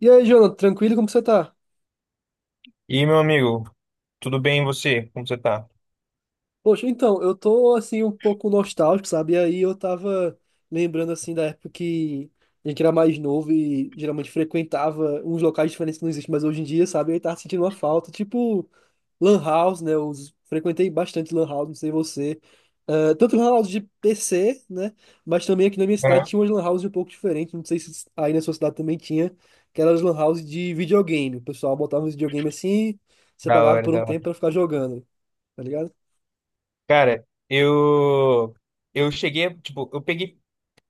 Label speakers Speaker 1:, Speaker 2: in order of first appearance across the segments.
Speaker 1: E aí, Jonathan, tranquilo? Como você tá?
Speaker 2: E aí, meu amigo, tudo bem e você? Como você tá?
Speaker 1: Poxa, então, eu tô assim um pouco nostálgico, sabe? E aí eu tava lembrando assim da época que a gente era mais novo e geralmente frequentava uns locais diferentes que não existem mais hoje em dia, sabe? E aí tava sentindo uma falta, tipo Lan House, né? Eu frequentei bastante Lan House, não sei você. Ah, tanto Lan House de PC, né? Mas também aqui na minha cidade
Speaker 2: Aham.
Speaker 1: tinha umas Lan House um pouco diferentes, não sei se aí na sua cidade também tinha, que eram as Lan House de videogame. O pessoal botava um videogame assim, você
Speaker 2: Da
Speaker 1: pagava
Speaker 2: hora,
Speaker 1: por um
Speaker 2: da hora.
Speaker 1: tempo pra ficar jogando, tá ligado?
Speaker 2: Cara, eu cheguei, tipo, eu peguei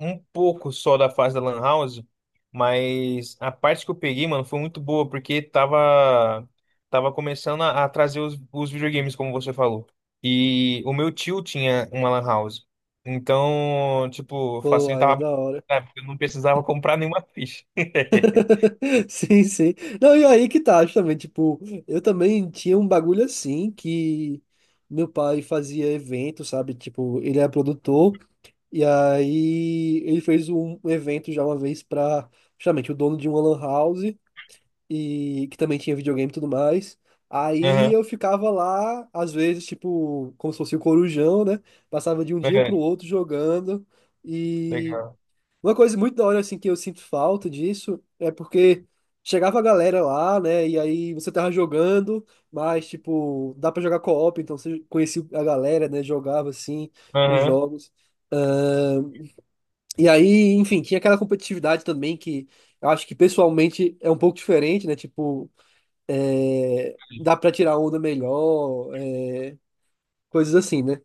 Speaker 2: um pouco só da fase da Lan House, mas a parte que eu peguei, mano, foi muito boa, porque tava começando a trazer os videogames, como você falou. E o meu tio tinha uma Lan House. Então, tipo,
Speaker 1: Pô, aí é
Speaker 2: facilitava,
Speaker 1: da hora.
Speaker 2: né, porque eu não precisava comprar nenhuma ficha.
Speaker 1: Sim, sim. Não, e aí que tá, justamente, tipo, eu também tinha um bagulho assim que meu pai fazia evento, sabe? Tipo, ele é produtor, e aí ele fez um evento já uma vez pra, justamente, o dono de uma lan house, e que também tinha videogame e tudo mais. Aí
Speaker 2: Aham,
Speaker 1: eu ficava lá, às vezes, tipo, como se fosse o corujão, né? Passava de um dia pro
Speaker 2: é,
Speaker 1: outro jogando. e
Speaker 2: legal.
Speaker 1: Uma coisa muito da hora, assim, que eu sinto falta disso é porque chegava a galera lá, né? E aí você tava jogando, mas, tipo, dá pra jogar co-op, então você conhecia a galera, né? Jogava, assim, os
Speaker 2: Aham.
Speaker 1: jogos. E aí, enfim, tinha aquela competitividade também que eu acho que pessoalmente é um pouco diferente, né? Tipo, é, dá pra tirar onda melhor, é, coisas assim, né?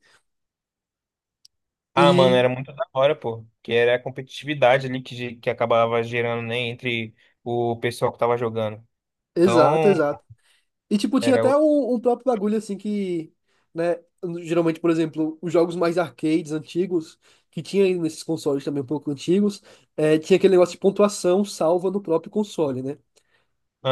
Speaker 2: Ah, mano,
Speaker 1: E.
Speaker 2: era muito da hora, pô. Que era a competitividade ali que, que acabava gerando, né, entre o pessoal que tava jogando.
Speaker 1: Exato,
Speaker 2: Então,
Speaker 1: exato. E, tipo, tinha
Speaker 2: era.
Speaker 1: até um próprio bagulho, assim, que, né, geralmente, por exemplo, os jogos mais arcades antigos, que tinha aí nesses consoles também um pouco antigos, tinha aquele negócio de pontuação salva no próprio console, né?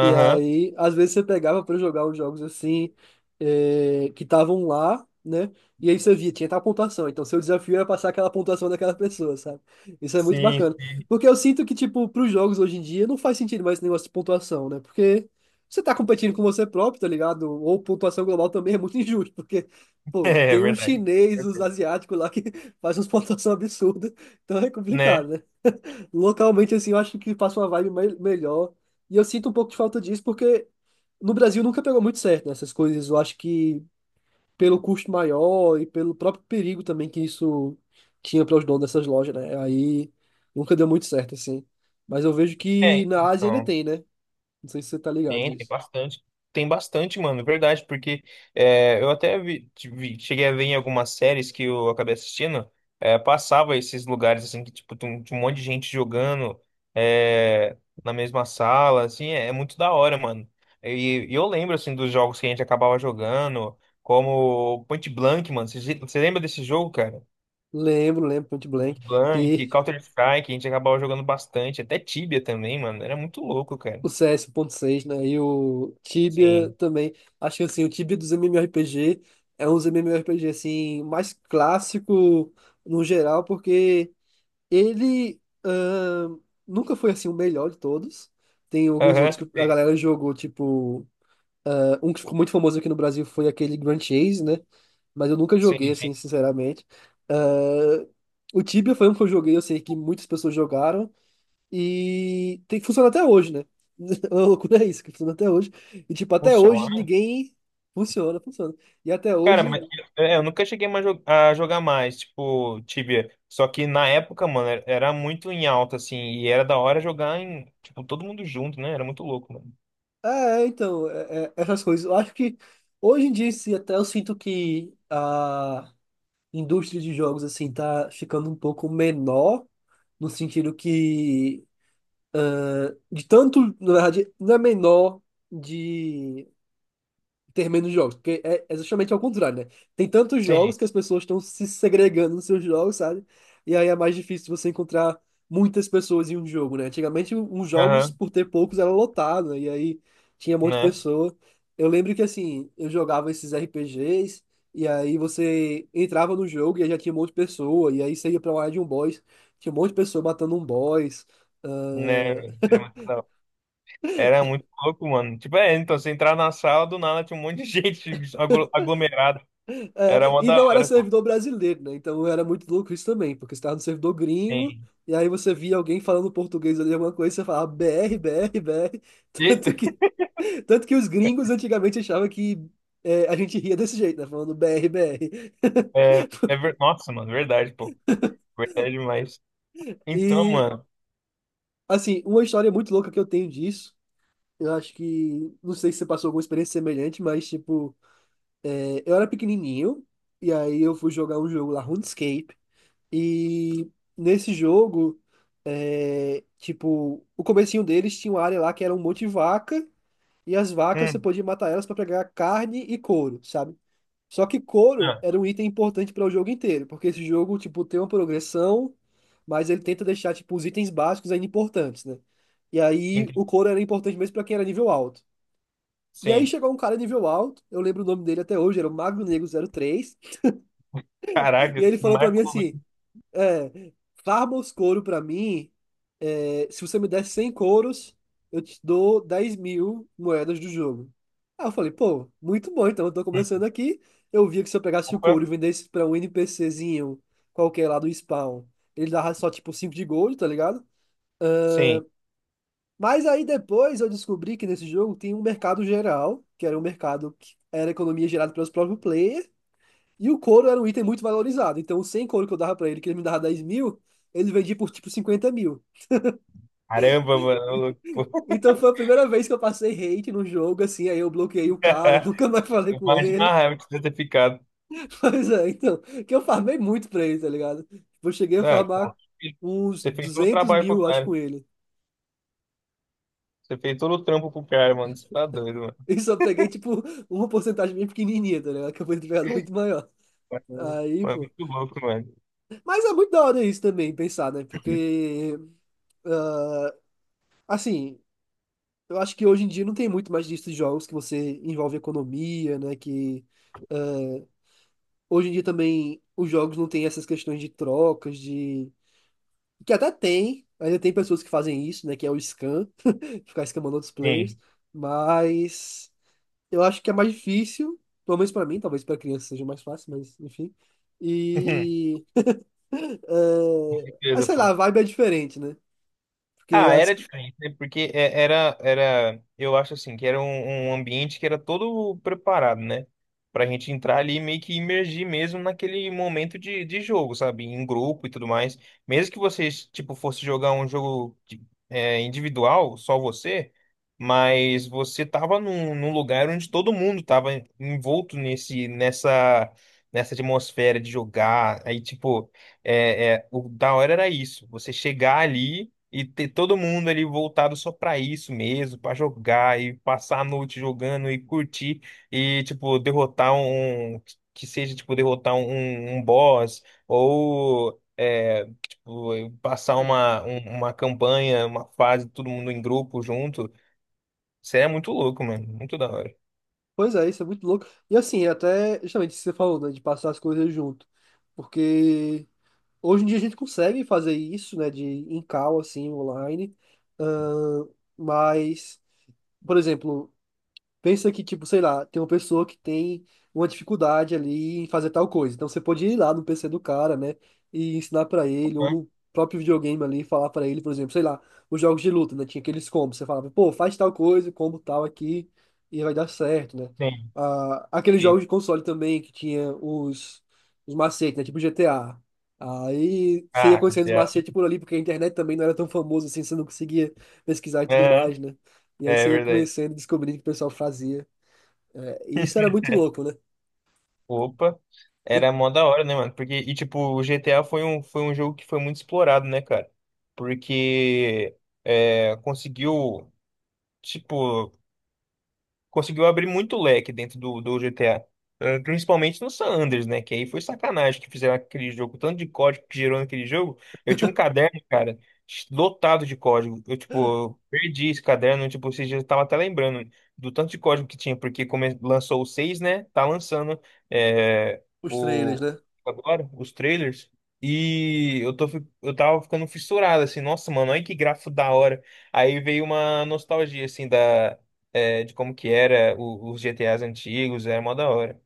Speaker 1: E aí, às vezes você pegava pra jogar os jogos assim, que estavam lá, né? E aí você via, tinha tal pontuação. Então, seu desafio era passar aquela pontuação daquela pessoa, sabe? Isso é muito
Speaker 2: Sim,
Speaker 1: bacana.
Speaker 2: sim.
Speaker 1: Porque eu sinto que, tipo, pros jogos hoje em dia, não faz sentido mais esse negócio de pontuação, né? Porque você tá competindo com você próprio, tá ligado? Ou pontuação global também é muito injusto, porque, pô,
Speaker 2: É,
Speaker 1: tem um
Speaker 2: verdade.
Speaker 1: chinês, os
Speaker 2: Perfeito.
Speaker 1: asiáticos lá que faz umas pontuação absurda. Então é
Speaker 2: Né?
Speaker 1: complicado, né? Localmente, assim, eu acho que passa uma vibe melhor. E eu sinto um pouco de falta disso, porque no Brasil nunca pegou muito certo nessas coisas. Eu acho que pelo custo maior e pelo próprio perigo também que isso tinha para os donos dessas lojas, né? Aí nunca deu muito certo, assim. Mas eu vejo que
Speaker 2: É,
Speaker 1: na Ásia ainda
Speaker 2: então,
Speaker 1: tem, né? Não sei se você tá ligado
Speaker 2: tem, tem
Speaker 1: disso.
Speaker 2: bastante. Tem bastante, mano, é verdade, porque é, eu até vi, cheguei a ver em algumas séries que eu acabei assistindo, é, passava esses lugares, assim, que, tipo, tem um, tinha um monte de gente jogando é, na mesma sala, assim, é, é muito da hora, mano. E eu lembro, assim, dos jogos que a gente acabava jogando, como Point Blank, mano. Você lembra desse jogo, cara?
Speaker 1: Lembro, lembro, Point Blank,
Speaker 2: Blank,
Speaker 1: que
Speaker 2: Counter-Strike, a gente acabava jogando bastante, até Tibia também, mano. Era muito louco, cara.
Speaker 1: o CS seis né? E o Tibia
Speaker 2: Sim.
Speaker 1: também. Acho que assim, o Tibia dos MMORPG é um dos MMORPG assim, mais clássico no geral, porque ele nunca foi assim o melhor de todos. Tem alguns
Speaker 2: Aham.
Speaker 1: outros que a galera jogou, tipo, ah, um que ficou muito famoso aqui no Brasil foi aquele Grand Chase, né? Mas eu nunca joguei,
Speaker 2: Sim, sim.
Speaker 1: assim, sinceramente. Ah, o Tibia foi um que eu joguei, eu sei que muitas pessoas jogaram. E tem que funcionar até hoje, né? A loucura é isso, que funciona até hoje. E, tipo, até hoje
Speaker 2: Funciona.
Speaker 1: ninguém funciona, funciona. E até
Speaker 2: Cara,
Speaker 1: hoje
Speaker 2: mas
Speaker 1: ninguém.
Speaker 2: é, eu nunca cheguei mais a jogar mais, tipo, Tibia. Só que na época, mano, era muito em alta, assim, e era da hora jogar em, tipo, todo mundo junto, né? Era muito louco, mano.
Speaker 1: É, então, essas coisas. Eu acho que hoje em dia, em si, até eu sinto que a indústria de jogos, assim, tá ficando um pouco menor, no sentido que, de tanto, na verdade, não é menor de. Ter menos jogos, porque é justamente ao contrário, né? Tem tantos
Speaker 2: Sim.
Speaker 1: jogos que as pessoas estão se segregando nos seus jogos, sabe? E aí é mais difícil você encontrar muitas pessoas em um jogo, né? Antigamente, os jogos,
Speaker 2: Aham,
Speaker 1: por ter poucos, era lotado, né? E aí tinha um monte de
Speaker 2: né?
Speaker 1: pessoa. Eu lembro que, assim, eu jogava esses RPGs, e aí você entrava no jogo e aí já tinha um monte de pessoa, e aí você ia pra uma área de um boss, tinha um monte de pessoa matando um boss.
Speaker 2: Né? Era muito da hora. Era muito louco, mano. Tipo, é, então, você entrar na sala, do nada tinha um monte de gente aglomerada. Era
Speaker 1: É,
Speaker 2: uma
Speaker 1: e
Speaker 2: da
Speaker 1: não era
Speaker 2: hora, pô.
Speaker 1: servidor brasileiro, né? Então era muito louco isso também, porque você estava no servidor gringo,
Speaker 2: Sim.
Speaker 1: e aí você via alguém falando português ali, alguma coisa, e você falava BR, BR, BR.
Speaker 2: E
Speaker 1: Tanto que, tanto que os gringos antigamente achavam que é, a gente ria desse jeito, né? Falando BR, BR.
Speaker 2: é, é nossa, mano, verdade, pô. Verdade demais. Então,
Speaker 1: E,
Speaker 2: mano.
Speaker 1: assim, uma história muito louca que eu tenho disso. Eu acho que, não sei se você passou alguma experiência semelhante, mas, tipo, é, eu era pequenininho, e aí eu fui jogar um jogo lá, RuneScape, e nesse jogo. É, tipo, o comecinho deles tinha uma área lá que era um monte de vaca, e as vacas você
Speaker 2: Hum,
Speaker 1: podia matar elas para pegar carne e couro, sabe? Só que couro
Speaker 2: ah,
Speaker 1: era um item importante para o jogo inteiro, porque esse jogo, tipo, tem uma progressão, mas ele tenta deixar, tipo, os itens básicos ainda importantes, né? E aí
Speaker 2: entendi.
Speaker 1: o couro era importante mesmo para quem era nível alto. E aí
Speaker 2: Sim.
Speaker 1: chegou um cara nível alto, eu lembro o nome dele até hoje, era o Magro Negro zero três
Speaker 2: Caraca,
Speaker 1: e ele falou para mim
Speaker 2: Marco.
Speaker 1: assim, é, farma os couro para mim. É, se você me der 100 couros, eu te dou 10 mil moedas do jogo. Aí eu falei, pô, muito bom, então eu tô
Speaker 2: Hum,
Speaker 1: começando aqui. Eu via que se eu pegasse o couro
Speaker 2: Opa,
Speaker 1: e vendesse pra um NPCzinho qualquer lá do spawn, ele dava só tipo 5 de gold, tá ligado?
Speaker 2: sim.
Speaker 1: Mas aí depois eu descobri que nesse jogo tem um mercado geral, que era um mercado que era economia gerada pelos próprios players, e o couro era um item muito valorizado. Então, os 100 couro que eu dava pra ele, que ele me dava 10 mil, ele vendia por tipo 50 mil.
Speaker 2: Caramba, mano. Ô louco, pô.
Speaker 1: Então foi a primeira vez que eu passei hate no jogo, assim, aí eu bloqueei o cara, nunca mais falei com
Speaker 2: Imagina a
Speaker 1: ele.
Speaker 2: raiva que você deve ter ficado.
Speaker 1: Mas é, então, que eu farmei muito pra ele, tá ligado? Tipo, eu cheguei a
Speaker 2: Ah, pô,
Speaker 1: farmar uns
Speaker 2: você fez todo o
Speaker 1: duzentos
Speaker 2: trabalho pro
Speaker 1: mil, acho,
Speaker 2: cara.
Speaker 1: com ele.
Speaker 2: Você fez todo o trampo pro cara, mano. Você tá doido, mano.
Speaker 1: E só peguei, tipo, uma porcentagem bem pequenininha, tá ligado? Que eu fui entregado muito maior. Aí,
Speaker 2: Mano, é
Speaker 1: pô.
Speaker 2: muito louco, mano.
Speaker 1: Mas é muito da hora isso também, pensar, né? Porque, ah, assim, eu acho que hoje em dia não tem muito mais disso de jogos que você envolve economia, né? Que hoje em dia também os jogos não têm essas questões de trocas, de. Que até tem, ainda tem pessoas que fazem isso, né? Que é o scan, ficar scamando outros
Speaker 2: Sim.
Speaker 1: players. Mas eu acho que é mais difícil, pelo menos pra mim, talvez pra criança seja mais fácil, mas enfim. E.
Speaker 2: Com
Speaker 1: É... ah,
Speaker 2: certeza,
Speaker 1: sei lá, a
Speaker 2: pô.
Speaker 1: vibe é diferente, né? Porque
Speaker 2: Ah, era
Speaker 1: as.
Speaker 2: diferente, né? Porque era, era, eu acho assim, que era um, um ambiente que era todo preparado, né? Pra gente entrar ali e meio que imergir mesmo naquele momento de jogo, sabe? Em grupo e tudo mais. Mesmo que vocês, tipo, fosse jogar um jogo é, individual, só você, mas você tava num, num lugar onde todo mundo tava envolto nesse, nessa, nessa atmosfera de jogar. Aí, tipo, é, é, o da hora era isso, você chegar ali. E ter todo mundo ali voltado só pra isso mesmo, pra jogar e passar a noite jogando e curtir e, tipo, derrotar um. Que seja, tipo, derrotar um, um boss ou é, tipo, passar uma, uma campanha, uma fase, todo mundo em grupo junto. Isso é muito louco, mano. Muito da hora.
Speaker 1: Pois é, isso é muito louco. E assim, até justamente isso que você falou, né? De passar as coisas junto. Porque. Hoje em dia a gente consegue fazer isso, né, de em call, assim, online, Ahn, mas, por exemplo, pensa que, tipo, sei lá, tem uma pessoa que tem uma dificuldade ali em fazer tal coisa. Então você pode ir lá no PC do cara, né? E ensinar pra ele, ou
Speaker 2: Aham.
Speaker 1: no próprio videogame ali, falar pra ele, por exemplo, sei lá, os jogos de luta, né? Tinha aqueles combos. Você falava, pô, faz tal coisa, combo tal aqui, e vai dar certo, né?
Speaker 2: Sim,
Speaker 1: Ah, aqueles jogos
Speaker 2: sim.
Speaker 1: de console também, que tinha os macetes, né? Tipo GTA. Aí você ia
Speaker 2: Ah,
Speaker 1: conhecendo os
Speaker 2: já.
Speaker 1: macetes por ali, porque a internet também não era tão famosa assim, você não conseguia pesquisar e tudo
Speaker 2: Aham.
Speaker 1: mais, né? E aí
Speaker 2: É
Speaker 1: você ia
Speaker 2: verdade.
Speaker 1: conhecendo e descobrindo o que o pessoal fazia. É, e isso era muito louco, né?
Speaker 2: Opa,
Speaker 1: E
Speaker 2: era mó da hora, né, mano? Porque, e tipo, o GTA foi um jogo que foi muito explorado, né, cara? Porque é, conseguiu, tipo, conseguiu abrir muito leque dentro do, do GTA. Eh, principalmente no San Andreas, né? Que aí foi sacanagem que fizeram aquele jogo. O tanto de código que gerou naquele jogo. Eu tinha um caderno, cara, lotado de código. Eu, tipo, eu perdi esse caderno. Tipo, esses dias eu tava até lembrando do tanto de código que tinha. Porque come... lançou o 6 né? Tá lançando eh,
Speaker 1: os trailers,
Speaker 2: o...
Speaker 1: né?
Speaker 2: agora os trailers. E eu tô, eu tava ficando fissurado, assim. Nossa, mano, olha que gráfico da hora. Aí veio uma nostalgia, assim, da é, de como que era os GTAs antigos, era mó da hora.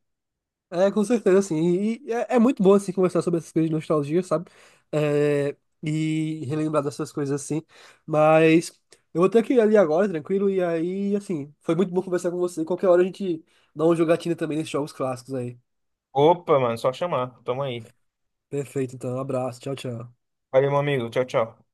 Speaker 1: É, com certeza, assim. E, é muito bom, assim, conversar sobre essas coisas de nostalgia, sabe? É, e relembrar dessas coisas, assim. Mas eu vou ter que ir ali agora, tranquilo. E aí, assim, foi muito bom conversar com você. Qualquer hora a gente dá uma jogatina também nesses jogos clássicos aí.
Speaker 2: Opa, mano, só chamar. Tamo aí.
Speaker 1: Perfeito, então. Um abraço. Tchau, tchau.
Speaker 2: Valeu, meu amigo. Tchau, tchau.